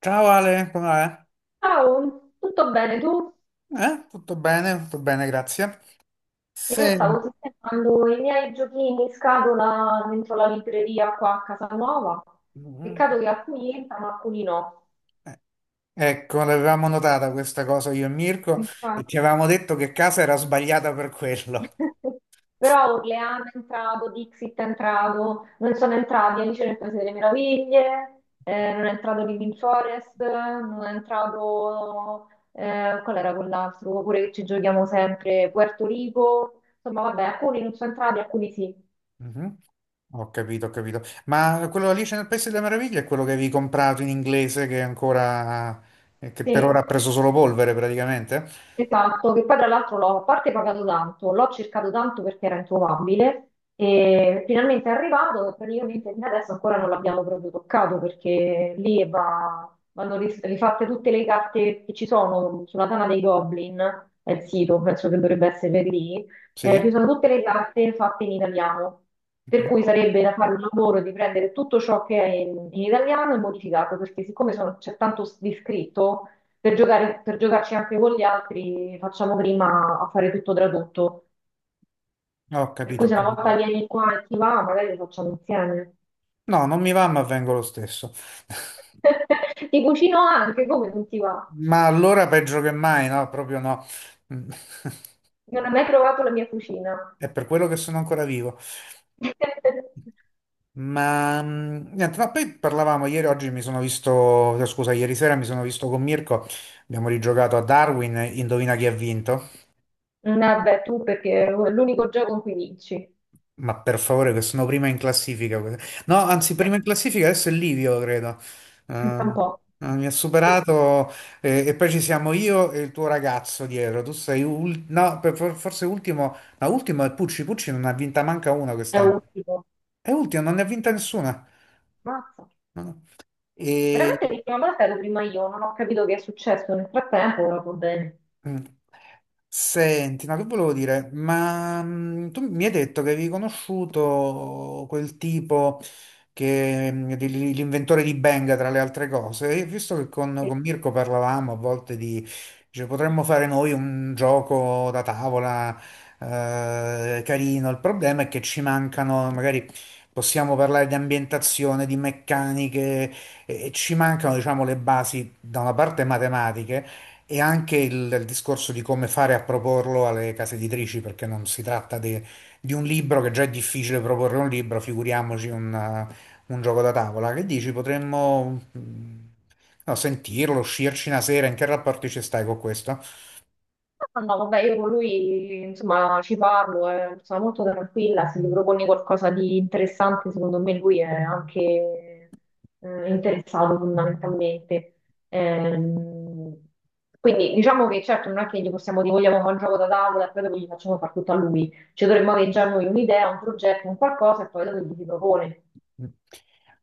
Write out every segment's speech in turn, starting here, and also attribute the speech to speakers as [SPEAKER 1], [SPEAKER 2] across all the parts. [SPEAKER 1] Ciao Ale, come va? Eh,
[SPEAKER 2] Ciao, tutto bene tu?
[SPEAKER 1] Eh, tutto bene, tutto bene, grazie.
[SPEAKER 2] Io
[SPEAKER 1] Se...
[SPEAKER 2] stavo sistemando i miei giochini in scatola dentro la libreria qua a casa nuova. Peccato che alcuni entrano, alcuni no.
[SPEAKER 1] Ecco, l'avevamo notata questa cosa io e Mirko e
[SPEAKER 2] Infatti.
[SPEAKER 1] ti avevamo detto che casa era sbagliata per quello.
[SPEAKER 2] Però Orleano è entrato, Dixit è entrato, non sono entrati Alice nel Paese delle Meraviglie, non è entrato Living Forest, non è entrato... qual era quell'altro? Oppure che ci giochiamo sempre, Puerto Rico. Insomma, vabbè, alcuni non sono entrati, alcuni sì.
[SPEAKER 1] Mhm. Ho capito, ho capito. Ma quello Alice nel Paese delle Meraviglie è quello che avevi comprato in inglese che è ancora, che per ora ha
[SPEAKER 2] Sì.
[SPEAKER 1] preso solo polvere praticamente?
[SPEAKER 2] Esatto, che poi tra l'altro l'ho a parte pagato tanto, l'ho cercato tanto perché era introvabile e finalmente è arrivato e praticamente fino adesso ancora non l'abbiamo proprio toccato perché lì vanno rifatte tutte le carte che ci sono sulla Tana dei Goblin, è il sito, penso che dovrebbe essere lì. Ci
[SPEAKER 1] Sì?
[SPEAKER 2] sono tutte le carte fatte in italiano, per
[SPEAKER 1] Mhm.
[SPEAKER 2] cui sarebbe da fare un lavoro di prendere tutto ciò che è in italiano e modificarlo, perché siccome c'è tanto di scritto per giocarci anche con gli altri, facciamo prima a fare tutto tradotto.
[SPEAKER 1] Ho
[SPEAKER 2] Per
[SPEAKER 1] capito,
[SPEAKER 2] cui
[SPEAKER 1] ho
[SPEAKER 2] se una
[SPEAKER 1] capito.
[SPEAKER 2] volta vieni qua e ti va, magari lo facciamo insieme.
[SPEAKER 1] No, non mi va, ma vengo lo stesso.
[SPEAKER 2] Ti cucino anche, come non ti va?
[SPEAKER 1] Ma allora peggio che mai, no? Proprio no. Mm.
[SPEAKER 2] Non hai mai provato la mia cucina.
[SPEAKER 1] È per quello che sono ancora vivo. Ma niente, no, poi parlavamo ieri, oggi mi sono visto, no, scusa, ieri sera mi sono visto con Mirko, abbiamo rigiocato a Darwin, indovina chi ha vinto?
[SPEAKER 2] Vabbè, tu perché è l'unico gioco in cui vinci.
[SPEAKER 1] Ma per favore, che sono prima in classifica. No, anzi, prima in classifica adesso è Livio, credo. Eh,
[SPEAKER 2] Pensa un po'.
[SPEAKER 1] mi ha superato e poi ci siamo io e il tuo ragazzo dietro. Tu sei no, forse ultimo, ma ultimo è Pucci. Pucci non ne ha vinta manca una
[SPEAKER 2] È
[SPEAKER 1] quest'anno.
[SPEAKER 2] ultimo.
[SPEAKER 1] È ultimo, non ne ha vinta nessuna.
[SPEAKER 2] Mazza.
[SPEAKER 1] No, no. E.
[SPEAKER 2] Veramente l'ultima volta ero prima io, non ho capito che è successo. Nel frattempo, ora va bene.
[SPEAKER 1] Mm. Senti, ma che volevo dire? Ma tu mi hai detto che avevi conosciuto quel tipo che l'inventore di Benga, tra le altre cose. E visto che con Mirko parlavamo a volte di, cioè, potremmo fare noi un gioco da tavola, carino. Il problema è che ci mancano, magari possiamo parlare di ambientazione, di meccaniche, e ci mancano, diciamo, le basi da una parte matematiche e anche il discorso di come fare a proporlo alle case editrici, perché non si tratta di un libro, che già è difficile proporre un libro, figuriamoci un gioco da tavola. Che dici? Potremmo no, sentirlo, uscirci una sera, in che rapporti ci stai con questo?
[SPEAKER 2] Ah, no, vabbè, io con lui, insomma, ci parlo, sono molto tranquilla, se gli proponi qualcosa di interessante, secondo me lui è anche interessato fondamentalmente. Ehm, quindi diciamo che certo non è che gli possiamo dire vogliamo fare un gioco da tavola e poi dopo gli facciamo fare tutto a lui, ci dovremmo avere già noi un'idea, un progetto, un qualcosa, e poi dopo gli si propone.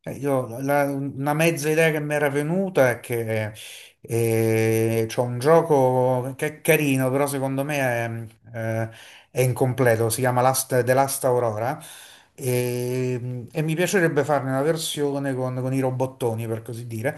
[SPEAKER 1] Io, una mezza idea che mi era venuta è che c'è un gioco che è carino, però secondo me è, eh, è incompleto, si chiama Last, The Last Aurora, e mi piacerebbe farne una versione con i robottoni, per così dire,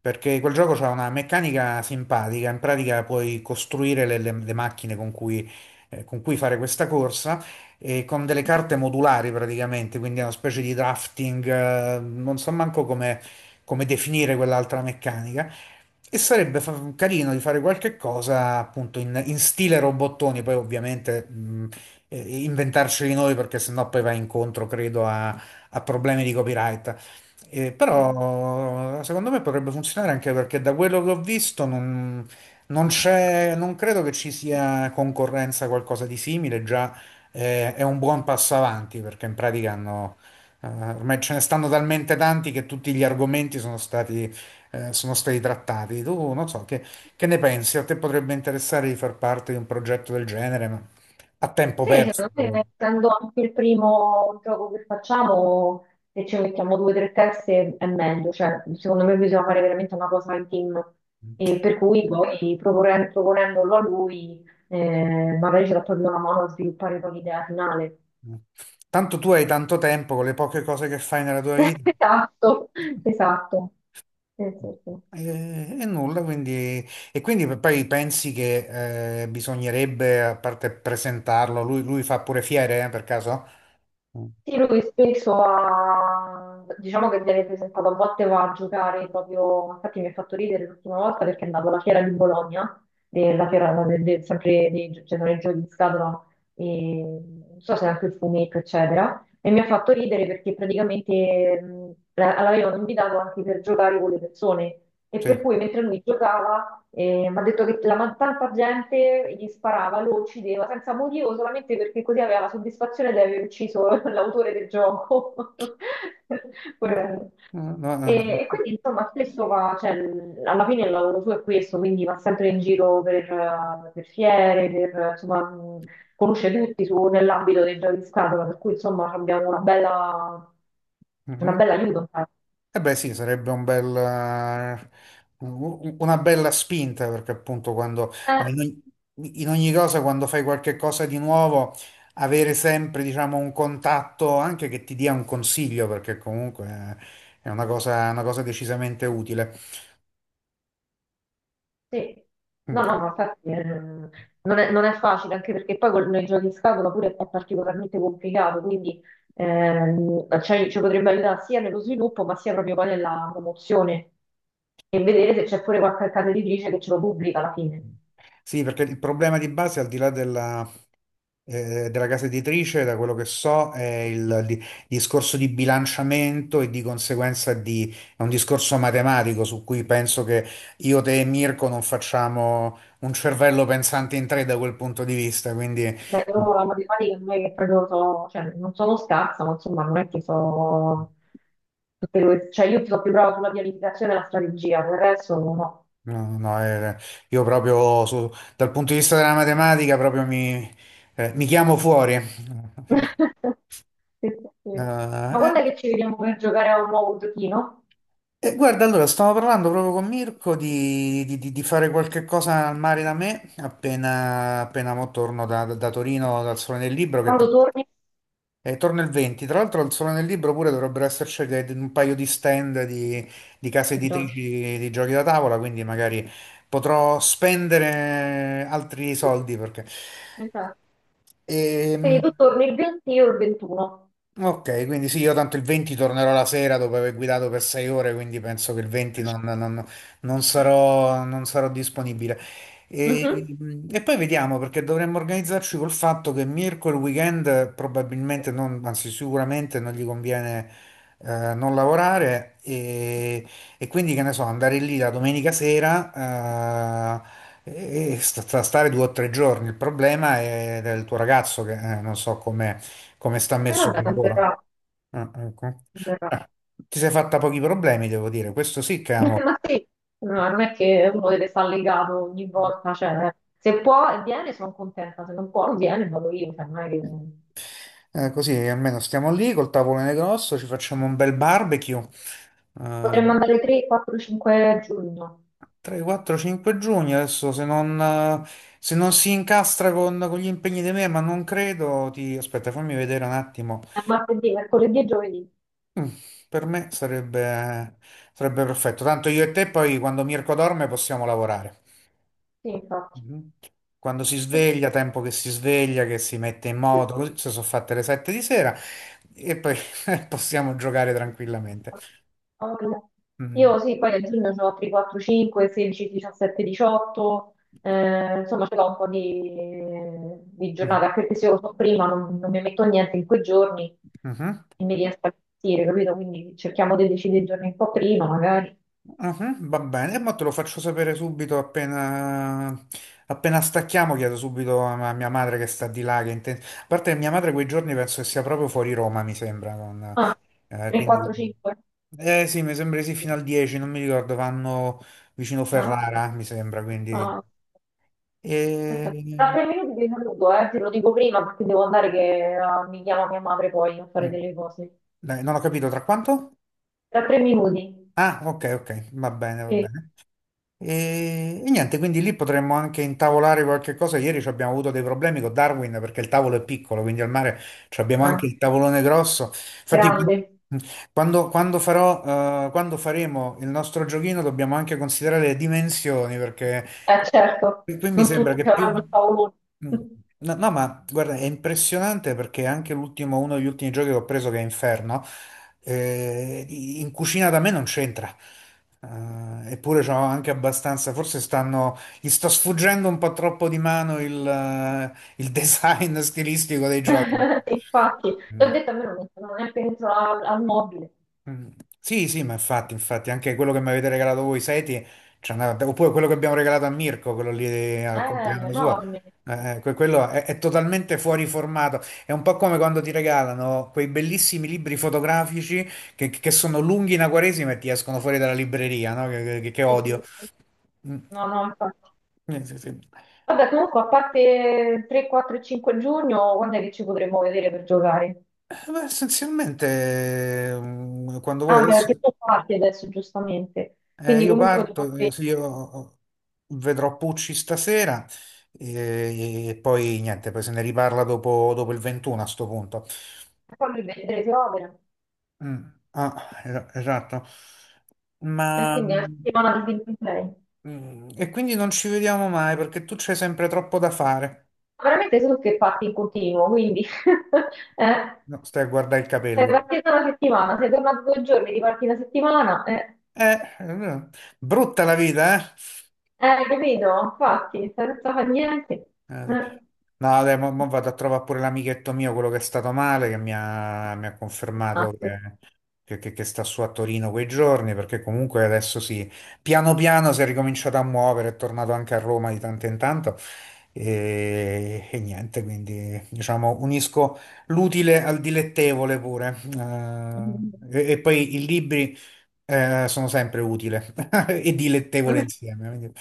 [SPEAKER 1] perché quel gioco ha una meccanica simpatica, in pratica puoi costruire le macchine con cui fare questa corsa, con delle carte modulari praticamente, quindi è una specie di drafting, non so manco come, definire quell'altra meccanica. E sarebbe carino di fare qualche cosa appunto in stile robottoni, poi ovviamente eh, inventarceli noi perché sennò poi va incontro, credo, a, problemi di copyright.
[SPEAKER 2] Sì.
[SPEAKER 1] Però secondo me potrebbe funzionare anche perché da quello che ho visto non c'è, non credo che ci sia concorrenza a qualcosa di simile già, è un buon passo avanti perché in pratica hanno, ormai ce ne stanno talmente tanti che tutti gli argomenti sono stati trattati. Tu non so, che ne pensi? A te potrebbe interessare di far parte di un progetto del genere, ma a tempo
[SPEAKER 2] Sì,
[SPEAKER 1] perso,
[SPEAKER 2] secondo me,
[SPEAKER 1] però.
[SPEAKER 2] essendo anche il primo gioco che facciamo, se ci mettiamo due o tre teste è meglio, cioè, secondo me bisogna fare veramente una cosa in team. E per cui poi proponendolo a lui, magari ce la toglie una mano a sviluppare poi l'idea finale.
[SPEAKER 1] Tanto tu hai tanto tempo con le poche cose che fai nella tua vita.
[SPEAKER 2] Esatto, esatto. Sì, sì, sì.
[SPEAKER 1] E nulla, quindi, e quindi poi pensi che bisognerebbe, a parte presentarlo, lui fa pure fiere, per caso? Mm.
[SPEAKER 2] Sì, lui spesso ha, diciamo che viene presentato, a volte va a giocare proprio. Infatti mi ha fatto ridere l'ultima volta perché è andato alla fiera di Bologna, della fiera no, sempre dei, cioè, sono i giochi di scatola, e non so se anche il fumetto, eccetera, e mi ha fatto ridere perché praticamente l'avevano invitato anche per giocare con le persone, e
[SPEAKER 1] Sì.
[SPEAKER 2] per cui mentre lui giocava, mi ha detto che tanta gente gli sparava, lo uccideva senza motivo, solamente perché così aveva la soddisfazione di aver ucciso l'autore del gioco.
[SPEAKER 1] Mm.
[SPEAKER 2] Poverello.
[SPEAKER 1] No, no,
[SPEAKER 2] E
[SPEAKER 1] no.
[SPEAKER 2] quindi insomma spesso va, cioè, alla fine il lavoro suo è questo, quindi va sempre in giro per fiere, per, insomma, conosce tutti nell'ambito dei giochi di scatola, per cui insomma abbiamo una
[SPEAKER 1] Mhm.
[SPEAKER 2] bella aiuto.
[SPEAKER 1] Eh beh sì, sarebbe un bel, una bella spinta perché appunto quando,
[SPEAKER 2] Eh,
[SPEAKER 1] ma in ogni cosa quando fai qualche cosa di nuovo, avere sempre diciamo un contatto anche che ti dia un consiglio perché comunque, è una cosa, decisamente utile.
[SPEAKER 2] sì.
[SPEAKER 1] Mm.
[SPEAKER 2] No, no, ma infatti non è facile, anche perché poi con i giochi in scatola pure è particolarmente complicato, quindi cioè, ci potrebbe aiutare sia nello sviluppo, ma sia proprio poi nella promozione, e vedere se c'è pure qualche casa editrice che ce lo pubblica alla fine.
[SPEAKER 1] Sì, perché il problema di base al di là della casa editrice, da quello che so, è il discorso di bilanciamento e di conseguenza di, è un discorso matematico su cui penso che io, te e Mirko non facciamo un cervello pensante in tre da quel punto di vista, quindi
[SPEAKER 2] Beh, io la matematica non è che proprio so, cioè, non sono scarsa, ma insomma non è che so... Cioè io sono più brava sulla pianificazione e la strategia, per il resto no.
[SPEAKER 1] no, no, io proprio dal punto di vista della matematica proprio mi chiamo fuori.
[SPEAKER 2] Sì, sì, sì. Ma
[SPEAKER 1] Eh,
[SPEAKER 2] quando è che ci vediamo per giocare a un nuovo giochino?
[SPEAKER 1] guarda, allora stavo parlando proprio con Mirko di, di fare qualche cosa al mare da me appena mo torno da, Torino dal Sole nel Libro, che
[SPEAKER 2] Quando torni?
[SPEAKER 1] torno il 20. Tra l'altro al Sole nel Libro pure dovrebbero esserci un paio di stand di, case
[SPEAKER 2] Il gioco.
[SPEAKER 1] editrici di, giochi da tavola, quindi magari potrò spendere altri soldi perché...
[SPEAKER 2] Esatto. Quindi
[SPEAKER 1] Ehm,
[SPEAKER 2] tu torni il 20 e io il 21.
[SPEAKER 1] Ok, quindi sì, io tanto il 20 tornerò la sera dopo aver guidato per 6 ore, quindi penso che il 20 non sarò disponibile. E,
[SPEAKER 2] Mhm.
[SPEAKER 1] e poi vediamo, perché dovremmo organizzarci col fatto che Mirko il weekend probabilmente, non, anzi sicuramente non gli conviene, non lavorare, e quindi che ne so, andare lì la domenica sera, stare 2 o 3 giorni. Il problema è del tuo ragazzo che, non so come sta
[SPEAKER 2] E
[SPEAKER 1] messo
[SPEAKER 2] vabbè,
[SPEAKER 1] col
[SPEAKER 2] non
[SPEAKER 1] lavoro?
[SPEAKER 2] verrà,
[SPEAKER 1] Ah, ecco.
[SPEAKER 2] non verrà.
[SPEAKER 1] Ah, ti sei fatta pochi problemi, devo dire. Questo sì che è amore.
[SPEAKER 2] Ma sì, no, non è che uno deve stare legato ogni volta, cioè, se può viene, sono contenta, se non può non viene, vado io, cioè, non è che...
[SPEAKER 1] Così almeno stiamo lì col tavolone grosso, ci facciamo un bel barbecue. Eh,
[SPEAKER 2] Potremmo andare 3, 4, 5 giugno,
[SPEAKER 1] 3, 4, 5 giugno. Adesso se non, se non si incastra con gli impegni di me, ma non credo, ti... Aspetta, fammi vedere un attimo.
[SPEAKER 2] a martedì, mercoledì e giovedì,
[SPEAKER 1] Per me sarebbe perfetto. Tanto io e te poi quando Mirko dorme possiamo lavorare.
[SPEAKER 2] sì, infatti.
[SPEAKER 1] Mhm. Quando si sveglia, tempo che si sveglia, che si mette in moto, così se sono fatte le 7 di sera e poi possiamo giocare tranquillamente.
[SPEAKER 2] Allora,
[SPEAKER 1] Mm.
[SPEAKER 2] io sì, poi a giugno ho altri 4, 5, 16, 17, 18, insomma ce l'ho un po' di
[SPEAKER 1] Mhm.
[SPEAKER 2] giornate, anche perché se io lo so prima non mi metto niente in quei giorni
[SPEAKER 1] Mhm.
[SPEAKER 2] e mi riesco a gestire, capito? Quindi cerchiamo di decidere i giorni un po' prima, magari.
[SPEAKER 1] Mhm. Va bene, e mo te lo faccio sapere subito appena stacchiamo, chiedo subito a mia madre che sta di là, che a parte che mia madre quei giorni penso che sia proprio fuori Roma, mi sembra,
[SPEAKER 2] Ah, 3,
[SPEAKER 1] quindi...
[SPEAKER 2] 4, 5.
[SPEAKER 1] Eh sì, mi sembra di sì, fino al 10, non mi ricordo, vanno vicino
[SPEAKER 2] Ah, ok.
[SPEAKER 1] Ferrara, mi sembra,
[SPEAKER 2] Ah,
[SPEAKER 1] quindi...
[SPEAKER 2] perfetto. Tra
[SPEAKER 1] E...
[SPEAKER 2] 3 minuti ti saluto, te lo dico prima perché devo andare che mi chiama mia madre poi a fare
[SPEAKER 1] mm,
[SPEAKER 2] delle cose.
[SPEAKER 1] Dai, non ho capito, tra quanto?
[SPEAKER 2] Tra 3 minuti.
[SPEAKER 1] Ah, ok, ok, va bene, va
[SPEAKER 2] Sì.
[SPEAKER 1] bene. E niente, quindi lì potremmo anche intavolare qualche cosa. Ieri ci abbiamo avuto dei problemi con Darwin perché il tavolo è piccolo, quindi al mare ci abbiamo anche
[SPEAKER 2] Ah,
[SPEAKER 1] il tavolone grosso. Infatti,
[SPEAKER 2] grande,
[SPEAKER 1] quando faremo il nostro giochino dobbiamo anche considerare le dimensioni perché
[SPEAKER 2] certo,
[SPEAKER 1] qui mi
[SPEAKER 2] non
[SPEAKER 1] sembra
[SPEAKER 2] tutti ci
[SPEAKER 1] che più...
[SPEAKER 2] avranno il paolo.
[SPEAKER 1] No, no, ma guarda, è impressionante perché anche l'ultimo, uno degli ultimi giochi che ho preso che è Inferno. In cucina da me non c'entra. Eppure c'ho anche abbastanza, forse stanno, gli sto sfuggendo un po' troppo di mano il design stilistico dei giochi.
[SPEAKER 2] Infatti, ti ho
[SPEAKER 1] Mm.
[SPEAKER 2] detto, a me non mi sono neanche dentro al mobile.
[SPEAKER 1] Mm. Sì, sì, ma infatti, infatti, anche quello che mi avete regalato voi, Seti, oppure quello che abbiamo regalato a Mirko, quello lì, al
[SPEAKER 2] È
[SPEAKER 1] compleanno suo,
[SPEAKER 2] enorme.
[SPEAKER 1] quello è totalmente fuori formato. È un po' come quando ti regalano quei bellissimi libri fotografici che sono lunghi in Quaresima e ti escono fuori dalla libreria, no? Che
[SPEAKER 2] Sì,
[SPEAKER 1] odio.
[SPEAKER 2] sì, sì.
[SPEAKER 1] Mm.
[SPEAKER 2] No, no, infatti.
[SPEAKER 1] Sì, sì.
[SPEAKER 2] Vabbè, comunque, a parte 3, 4 e 5 giugno, quando è che ci potremo vedere per giocare?
[SPEAKER 1] Beh, essenzialmente, quando vuoi
[SPEAKER 2] Ah, beh, perché
[SPEAKER 1] adesso.
[SPEAKER 2] tu parti adesso, giustamente. Quindi
[SPEAKER 1] Io
[SPEAKER 2] comunque
[SPEAKER 1] parto,
[SPEAKER 2] dovrebbe
[SPEAKER 1] sì, io vedrò Pucci stasera, e, poi niente, poi se ne riparla dopo, il 21 a sto punto.
[SPEAKER 2] farmi vedere che opera.
[SPEAKER 1] Mm, ah, esatto.
[SPEAKER 2] E
[SPEAKER 1] Ma
[SPEAKER 2] quindi è la settimana di gameplay. Ma
[SPEAKER 1] e quindi non ci vediamo mai perché tu c'hai sempre troppo da fare.
[SPEAKER 2] veramente sono che parti in continuo, quindi... eh?
[SPEAKER 1] No, stai a guardare il
[SPEAKER 2] Sei
[SPEAKER 1] capello.
[SPEAKER 2] partita una settimana, sei tornato 2 giorni, riparti una settimana,
[SPEAKER 1] Eh, eh, brutta la vita, eh?
[SPEAKER 2] capito? Infatti, senza fare niente.
[SPEAKER 1] Sì.
[SPEAKER 2] Eh.
[SPEAKER 1] No, dai, mo vado a trovare pure l'amichetto mio, quello che è stato male, che mi ha
[SPEAKER 2] Ah,
[SPEAKER 1] confermato
[SPEAKER 2] sì.
[SPEAKER 1] che, che sta su a Torino quei giorni, perché comunque adesso sì, piano piano si è ricominciato a muovere, è tornato anche a Roma di tanto in tanto e niente, quindi diciamo unisco l'utile al dilettevole pure. Eh, e, e poi i libri, sono sempre utile e dilettevole insieme. Quindi-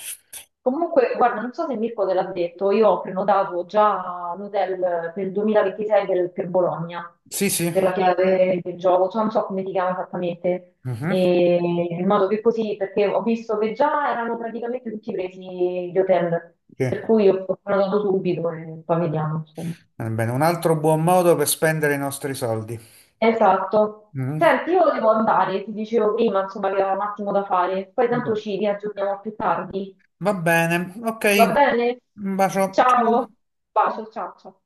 [SPEAKER 2] Comunque, guarda, non so se Mirko te l'ha detto, io ho prenotato già un hotel per il 2026 per, Bologna,
[SPEAKER 1] Sì, sì.
[SPEAKER 2] per la chiave del gioco, cioè non so come si chiama esattamente,
[SPEAKER 1] Mhm.
[SPEAKER 2] e in modo che così, perché ho visto che già erano praticamente tutti presi gli hotel,
[SPEAKER 1] Sì.
[SPEAKER 2] per cui ho prenotato subito e poi vediamo, insomma.
[SPEAKER 1] Va bene, un altro buon modo per spendere i nostri soldi.
[SPEAKER 2] Esatto.
[SPEAKER 1] Mm?
[SPEAKER 2] Senti, io devo andare, ti dicevo prima, insomma, che ho un attimo da fare. Poi tanto ci riaggiorniamo più tardi.
[SPEAKER 1] Va bene, ok.
[SPEAKER 2] Va bene?
[SPEAKER 1] Un bacio.
[SPEAKER 2] Ciao.
[SPEAKER 1] Ciao.
[SPEAKER 2] Bacio, ciao, ciao.